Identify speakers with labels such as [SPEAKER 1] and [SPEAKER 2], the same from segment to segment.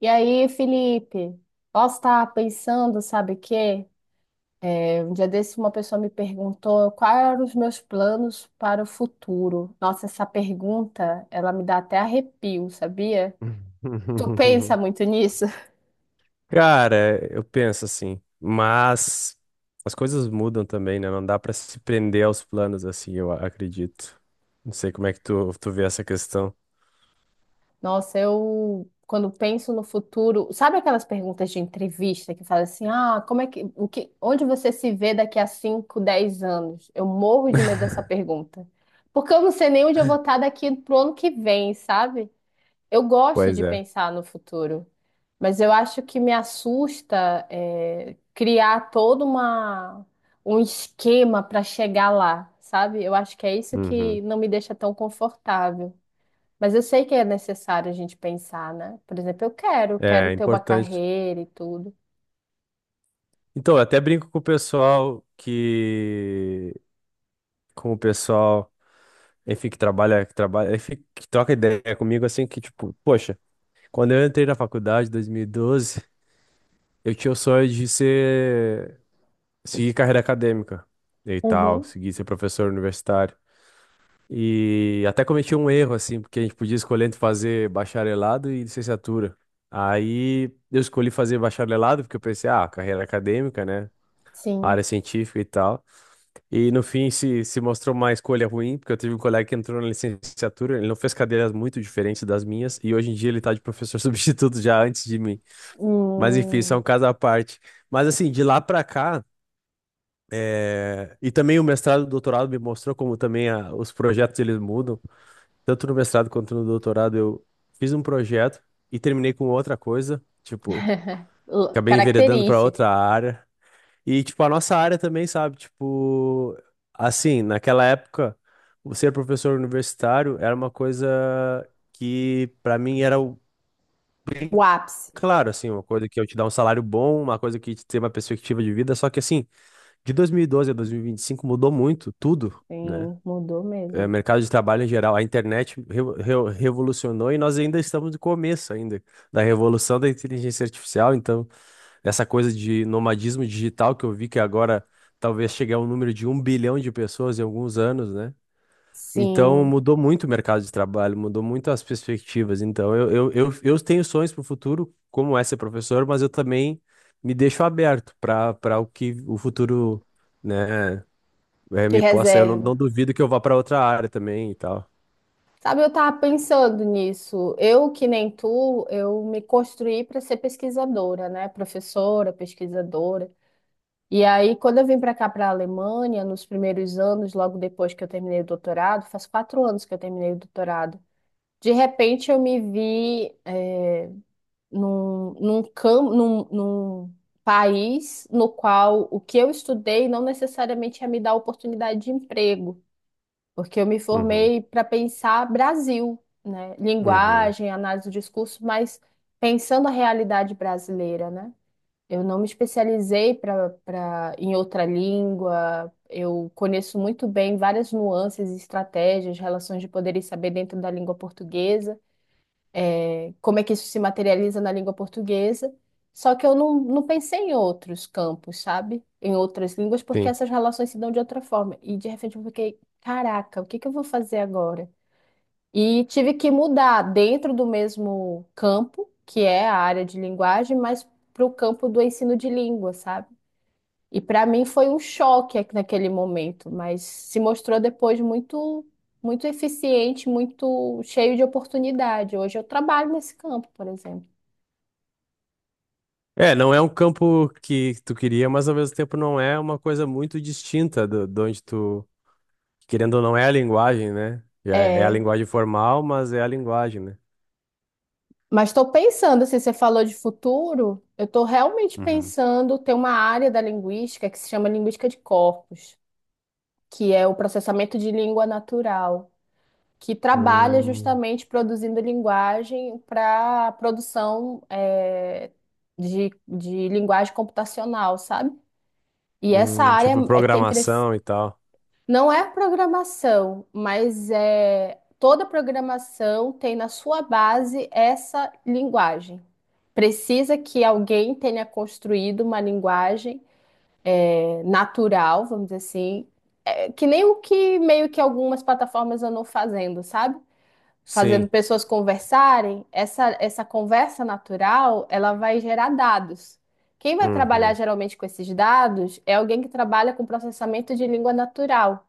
[SPEAKER 1] E aí, Felipe? Posso estar pensando, sabe o quê? Um dia desse uma pessoa me perguntou quais eram os meus planos para o futuro. Nossa, essa pergunta, ela me dá até arrepio, sabia? Tu pensa muito nisso?
[SPEAKER 2] Cara, eu penso assim, mas as coisas mudam também, né? Não dá pra se prender aos planos assim, eu acredito. Não sei como é que tu vê essa questão.
[SPEAKER 1] Nossa, eu quando penso no futuro, sabe aquelas perguntas de entrevista que fala assim: "Ah, como é que, o que, onde você se vê daqui a 5, 10 anos?" Eu morro de medo dessa pergunta. Porque eu não sei nem onde eu vou estar daqui pro ano que vem, sabe? Eu gosto
[SPEAKER 2] Pois
[SPEAKER 1] de
[SPEAKER 2] é.
[SPEAKER 1] pensar no futuro, mas eu acho que me assusta criar um esquema para chegar lá, sabe? Eu acho que é isso
[SPEAKER 2] Uhum.
[SPEAKER 1] que não me deixa tão confortável. Mas eu sei que é necessário a gente pensar, né? Por exemplo, quero
[SPEAKER 2] É
[SPEAKER 1] ter uma
[SPEAKER 2] importante.
[SPEAKER 1] carreira e tudo.
[SPEAKER 2] Então, eu até brinco com o pessoal que. Com o pessoal, enfim, que trabalha, enfim, que troca ideia comigo, assim, que tipo, poxa, quando eu entrei na faculdade em 2012 eu tinha o sonho de ser. Segui carreira acadêmica e tal,
[SPEAKER 1] Uhum,
[SPEAKER 2] segui ser professor universitário. E até cometi um erro, assim, porque a gente podia escolher entre fazer bacharelado e licenciatura. Aí eu escolhi fazer bacharelado, porque eu pensei, ah, carreira acadêmica, né?
[SPEAKER 1] sim.
[SPEAKER 2] Área científica e tal. E no fim se mostrou uma escolha ruim, porque eu tive um colega que entrou na licenciatura, ele não fez cadeiras muito diferentes das minhas, e hoje em dia ele tá de professor substituto já antes de mim. Mas enfim, isso é
[SPEAKER 1] Hum,
[SPEAKER 2] um caso à parte. Mas assim, de lá pra cá. É, e também o mestrado e o doutorado me mostrou como também os projetos eles mudam. Tanto no mestrado quanto no doutorado eu fiz um projeto e terminei com outra coisa, tipo,
[SPEAKER 1] l-
[SPEAKER 2] acabei enveredando para
[SPEAKER 1] característica,
[SPEAKER 2] outra área. E tipo a nossa área também, sabe, tipo, assim, naquela época, o ser professor universitário era uma coisa que para mim era o.
[SPEAKER 1] o ápice.
[SPEAKER 2] Claro, assim, uma coisa que eu te dar um salário bom, uma coisa que te ter uma perspectiva de vida, só que assim, de 2012 a 2025 mudou muito tudo, né?
[SPEAKER 1] Sim, mudou mesmo.
[SPEAKER 2] Mercado de trabalho em geral, a internet revolucionou e nós ainda estamos no começo ainda da revolução da inteligência artificial. Então, essa coisa de nomadismo digital que eu vi que agora talvez chegue ao número de 1 bilhão de pessoas em alguns anos, né? Então,
[SPEAKER 1] Sim,
[SPEAKER 2] mudou muito o mercado de trabalho, mudou muito as perspectivas. Então, eu tenho sonhos para o futuro, como é ser professor, mas eu também me deixo aberto para o que o futuro, né? É,
[SPEAKER 1] de
[SPEAKER 2] me possa, eu não,
[SPEAKER 1] reserva.
[SPEAKER 2] não duvido que eu vá para outra área também e tal.
[SPEAKER 1] Sabe, eu tava pensando nisso. Eu, que nem tu, eu me construí para ser pesquisadora, né? Professora, pesquisadora. E aí, quando eu vim para cá, para a Alemanha, nos primeiros anos, logo depois que eu terminei o doutorado, faz quatro anos que eu terminei o doutorado, de repente eu me vi num país no qual o que eu estudei não necessariamente ia me dar oportunidade de emprego porque eu me
[SPEAKER 2] Uhum,
[SPEAKER 1] formei para pensar Brasil, né?
[SPEAKER 2] uhum,
[SPEAKER 1] Linguagem, análise do discurso, mas pensando a realidade brasileira, né? Eu não me especializei para em outra língua. Eu conheço muito bem várias nuances, estratégias, relações de poder e saber dentro da língua portuguesa, como é que isso se materializa na língua portuguesa. Só que eu não, não pensei em outros campos, sabe? Em outras línguas, porque
[SPEAKER 2] sim.
[SPEAKER 1] essas relações se dão de outra forma. E de repente eu fiquei, caraca, o que que eu vou fazer agora? E tive que mudar dentro do mesmo campo, que é a área de linguagem, mas para o campo do ensino de língua, sabe? E para mim foi um choque aqui naquele momento, mas se mostrou depois muito eficiente, muito cheio de oportunidade. Hoje eu trabalho nesse campo, por exemplo.
[SPEAKER 2] É, não é um campo que tu queria, mas ao mesmo tempo não é uma coisa muito distinta do, de onde tu, querendo ou não, é a linguagem, né? Já é a
[SPEAKER 1] É,
[SPEAKER 2] linguagem formal, mas é a linguagem, né?
[SPEAKER 1] mas estou pensando, assim, você falou de futuro, eu estou realmente
[SPEAKER 2] Uhum.
[SPEAKER 1] pensando ter uma área da linguística que se chama linguística de corpos, que é o processamento de língua natural, que trabalha
[SPEAKER 2] Hum,
[SPEAKER 1] justamente produzindo linguagem para produção, de linguagem computacional, sabe? E essa
[SPEAKER 2] hum.
[SPEAKER 1] área
[SPEAKER 2] Tipo
[SPEAKER 1] é, tem crescido.
[SPEAKER 2] programação e tal.
[SPEAKER 1] Não é programação, mas é toda programação tem na sua base essa linguagem. Precisa que alguém tenha construído uma linguagem natural, vamos dizer assim, é, que nem o que meio que algumas plataformas andam fazendo, sabe? Fazendo
[SPEAKER 2] Sim.
[SPEAKER 1] pessoas conversarem, essa conversa natural, ela vai gerar dados. Quem vai trabalhar
[SPEAKER 2] Uhum.
[SPEAKER 1] geralmente com esses dados é alguém que trabalha com processamento de língua natural,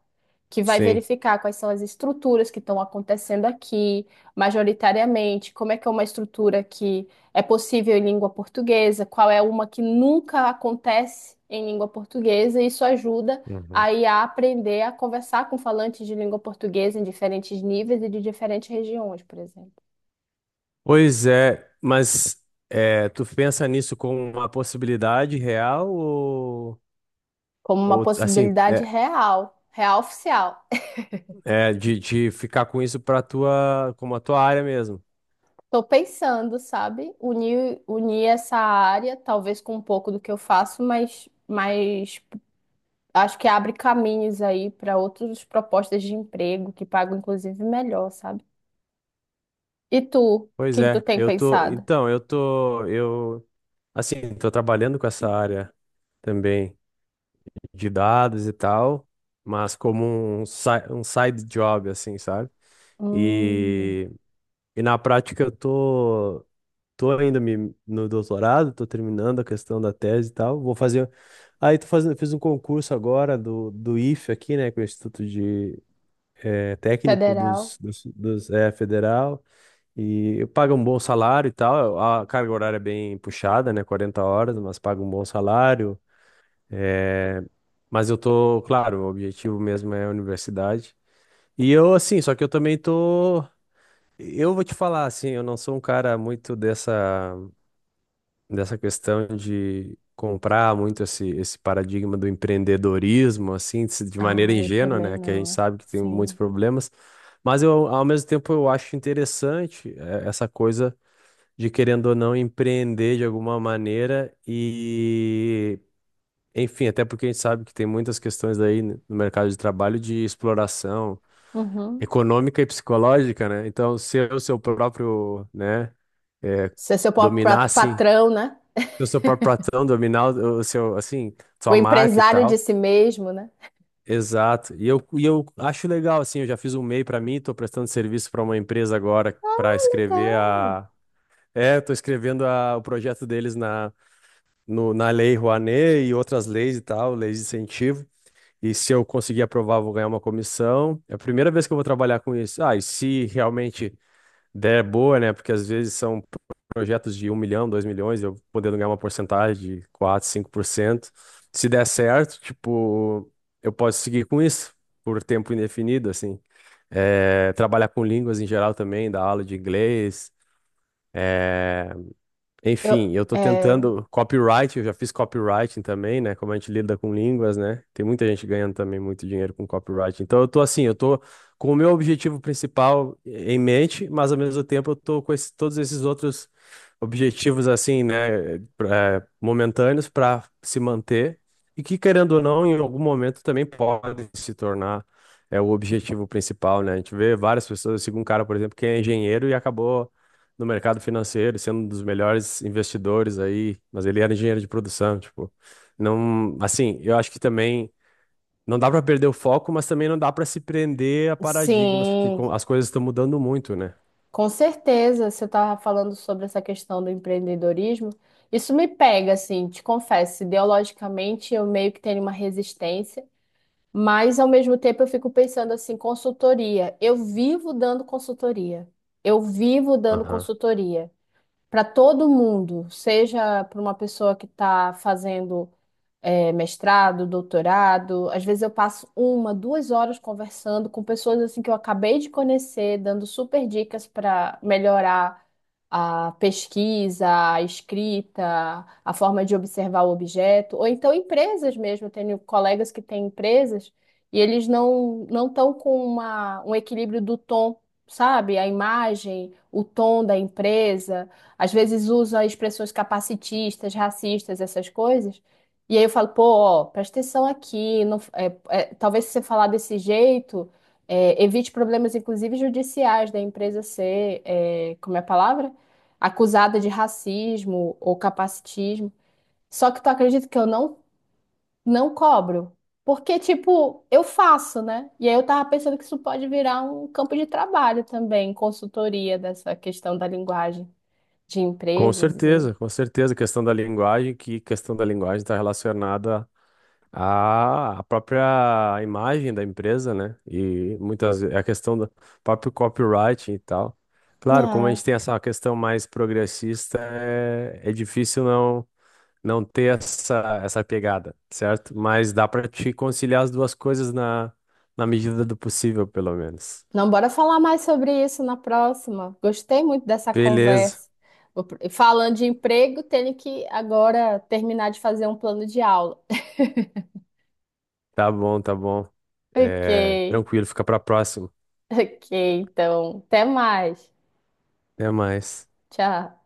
[SPEAKER 1] que vai
[SPEAKER 2] Sim.
[SPEAKER 1] verificar quais são as estruturas que estão acontecendo aqui, majoritariamente, como é que é uma estrutura que é possível em língua portuguesa, qual é uma que nunca acontece em língua portuguesa, e isso ajuda
[SPEAKER 2] Uhum.
[SPEAKER 1] a IA a aprender a conversar com falantes de língua portuguesa em diferentes níveis e de diferentes regiões, por exemplo,
[SPEAKER 2] Pois é, mas é, tu pensa nisso como uma possibilidade real ou,
[SPEAKER 1] como uma
[SPEAKER 2] ou assim,
[SPEAKER 1] possibilidade real, real oficial.
[SPEAKER 2] de ficar com isso para tua, como a tua área mesmo?
[SPEAKER 1] Estou pensando, sabe, unir essa área, talvez com um pouco do que eu faço, mas mais acho que abre caminhos aí para outras propostas de emprego que pagam inclusive melhor, sabe? E tu, o
[SPEAKER 2] Pois
[SPEAKER 1] que que tu
[SPEAKER 2] é,
[SPEAKER 1] tem
[SPEAKER 2] eu tô,
[SPEAKER 1] pensado?
[SPEAKER 2] então, eu tô, eu, assim, tô trabalhando com essa área também de dados e tal, mas como um side job, assim, sabe?
[SPEAKER 1] Hum,
[SPEAKER 2] E, e na prática eu tô ainda me, no doutorado, tô terminando a questão da tese e tal. Vou fazer. Aí tô fazendo, fiz um concurso agora do IFE aqui, né, que é o Instituto de Técnico
[SPEAKER 1] federal?
[SPEAKER 2] dos Federal. E paga um bom salário e tal. A carga horária é bem puxada, né, 40 horas, mas paga um bom salário. Mas eu tô, claro, o objetivo mesmo é a universidade. E eu, assim, só que eu também tô. Eu vou te falar, assim, eu não sou um cara muito dessa questão de comprar muito esse paradigma do empreendedorismo, assim, de maneira
[SPEAKER 1] Ah, eu
[SPEAKER 2] ingênua,
[SPEAKER 1] também
[SPEAKER 2] né? Que a gente
[SPEAKER 1] não.
[SPEAKER 2] sabe que tem muitos
[SPEAKER 1] Sim.
[SPEAKER 2] problemas, mas eu, ao mesmo tempo, eu acho interessante essa coisa de, querendo ou não, empreender de alguma maneira e, enfim, até porque a gente sabe que tem muitas questões aí no mercado de trabalho de exploração
[SPEAKER 1] Uhum.
[SPEAKER 2] econômica e psicológica, né? Então, ser o seu próprio, né? eh,
[SPEAKER 1] Ser seu próprio pra-
[SPEAKER 2] dominasse
[SPEAKER 1] patrão, né?
[SPEAKER 2] o seu próprio patrão, dominar o seu, assim,
[SPEAKER 1] O
[SPEAKER 2] sua marca e
[SPEAKER 1] empresário de
[SPEAKER 2] tal.
[SPEAKER 1] si mesmo, né?
[SPEAKER 2] Exato. E eu acho legal, assim, eu já fiz um e-mail para mim, estou prestando serviço para uma empresa agora
[SPEAKER 1] Ah,
[SPEAKER 2] para escrever
[SPEAKER 1] legal.
[SPEAKER 2] a. É, estou escrevendo o projeto deles na, na Lei Rouanet e outras leis e tal, leis de incentivo. E se eu conseguir aprovar, eu vou ganhar uma comissão. É a primeira vez que eu vou trabalhar com isso. Ah, e se realmente ideia é boa, né? Porque às vezes são projetos de 1 milhão, 2 milhões, eu podendo ganhar uma porcentagem de 4 5%. Se der certo, tipo, eu posso seguir com isso por tempo indefinido, assim. É, trabalhar com línguas em geral também, dar aula de inglês,
[SPEAKER 1] Eu,
[SPEAKER 2] enfim, eu tô
[SPEAKER 1] é,
[SPEAKER 2] tentando copyright, eu já fiz copywriting também, né? Como a gente lida com línguas, né? Tem muita gente ganhando também muito dinheiro com copyright. Então eu tô assim, eu tô com o meu objetivo principal em mente, mas ao mesmo tempo eu tô com todos esses outros objetivos assim, né, momentâneos para se manter e que querendo ou não, em algum momento também podem se tornar é o objetivo principal, né? A gente vê várias pessoas, eu sigo um cara, por exemplo, que é engenheiro e acabou no mercado financeiro, sendo um dos melhores investidores aí, mas ele era engenheiro de produção, tipo, não, assim, eu acho que também não dá para perder o foco, mas também não dá para se prender a paradigmas, porque
[SPEAKER 1] sim.
[SPEAKER 2] as coisas estão mudando muito, né?
[SPEAKER 1] Com certeza, você estava falando sobre essa questão do empreendedorismo. Isso me pega, assim, te confesso, ideologicamente eu meio que tenho uma resistência, mas ao mesmo tempo eu fico pensando assim, consultoria. Eu vivo dando consultoria. Eu vivo dando
[SPEAKER 2] Aham.
[SPEAKER 1] consultoria para todo mundo, seja para uma pessoa que está fazendo mestrado, doutorado. Às vezes eu passo uma, duas horas conversando com pessoas assim que eu acabei de conhecer, dando super dicas para melhorar a pesquisa, a escrita, a forma de observar o objeto, ou então empresas mesmo. Eu tenho colegas que têm empresas e eles não estão com uma, um equilíbrio do tom, sabe? A imagem, o tom da empresa, às vezes usa expressões capacitistas, racistas, essas coisas. E aí eu falo, pô, ó, presta atenção aqui, não, talvez se você falar desse jeito, evite problemas, inclusive judiciais, da empresa ser, é, como é a palavra? Acusada de racismo ou capacitismo. Só que tu acredita que eu não, não cobro? Porque, tipo, eu faço, né? E aí eu tava pensando que isso pode virar um campo de trabalho também, consultoria dessa questão da linguagem de empresas e...
[SPEAKER 2] Com certeza, questão da linguagem, que questão da linguagem está relacionada a própria imagem da empresa, né? E muitas vezes a questão do próprio copyright e tal. Claro, como a
[SPEAKER 1] É.
[SPEAKER 2] gente tem essa questão mais progressista, é difícil não ter essa pegada, certo? Mas dá para te conciliar as duas coisas na medida do possível, pelo menos.
[SPEAKER 1] Não, bora falar mais sobre isso na próxima. Gostei muito dessa
[SPEAKER 2] Beleza,
[SPEAKER 1] conversa. Vou pr- falando de emprego, tenho que agora terminar de fazer um plano de aula.
[SPEAKER 2] tá bom, tá bom.
[SPEAKER 1] Ok,
[SPEAKER 2] É, tranquilo, fica para próxima.
[SPEAKER 1] ok, então, até mais.
[SPEAKER 2] Até mais.
[SPEAKER 1] Tchau.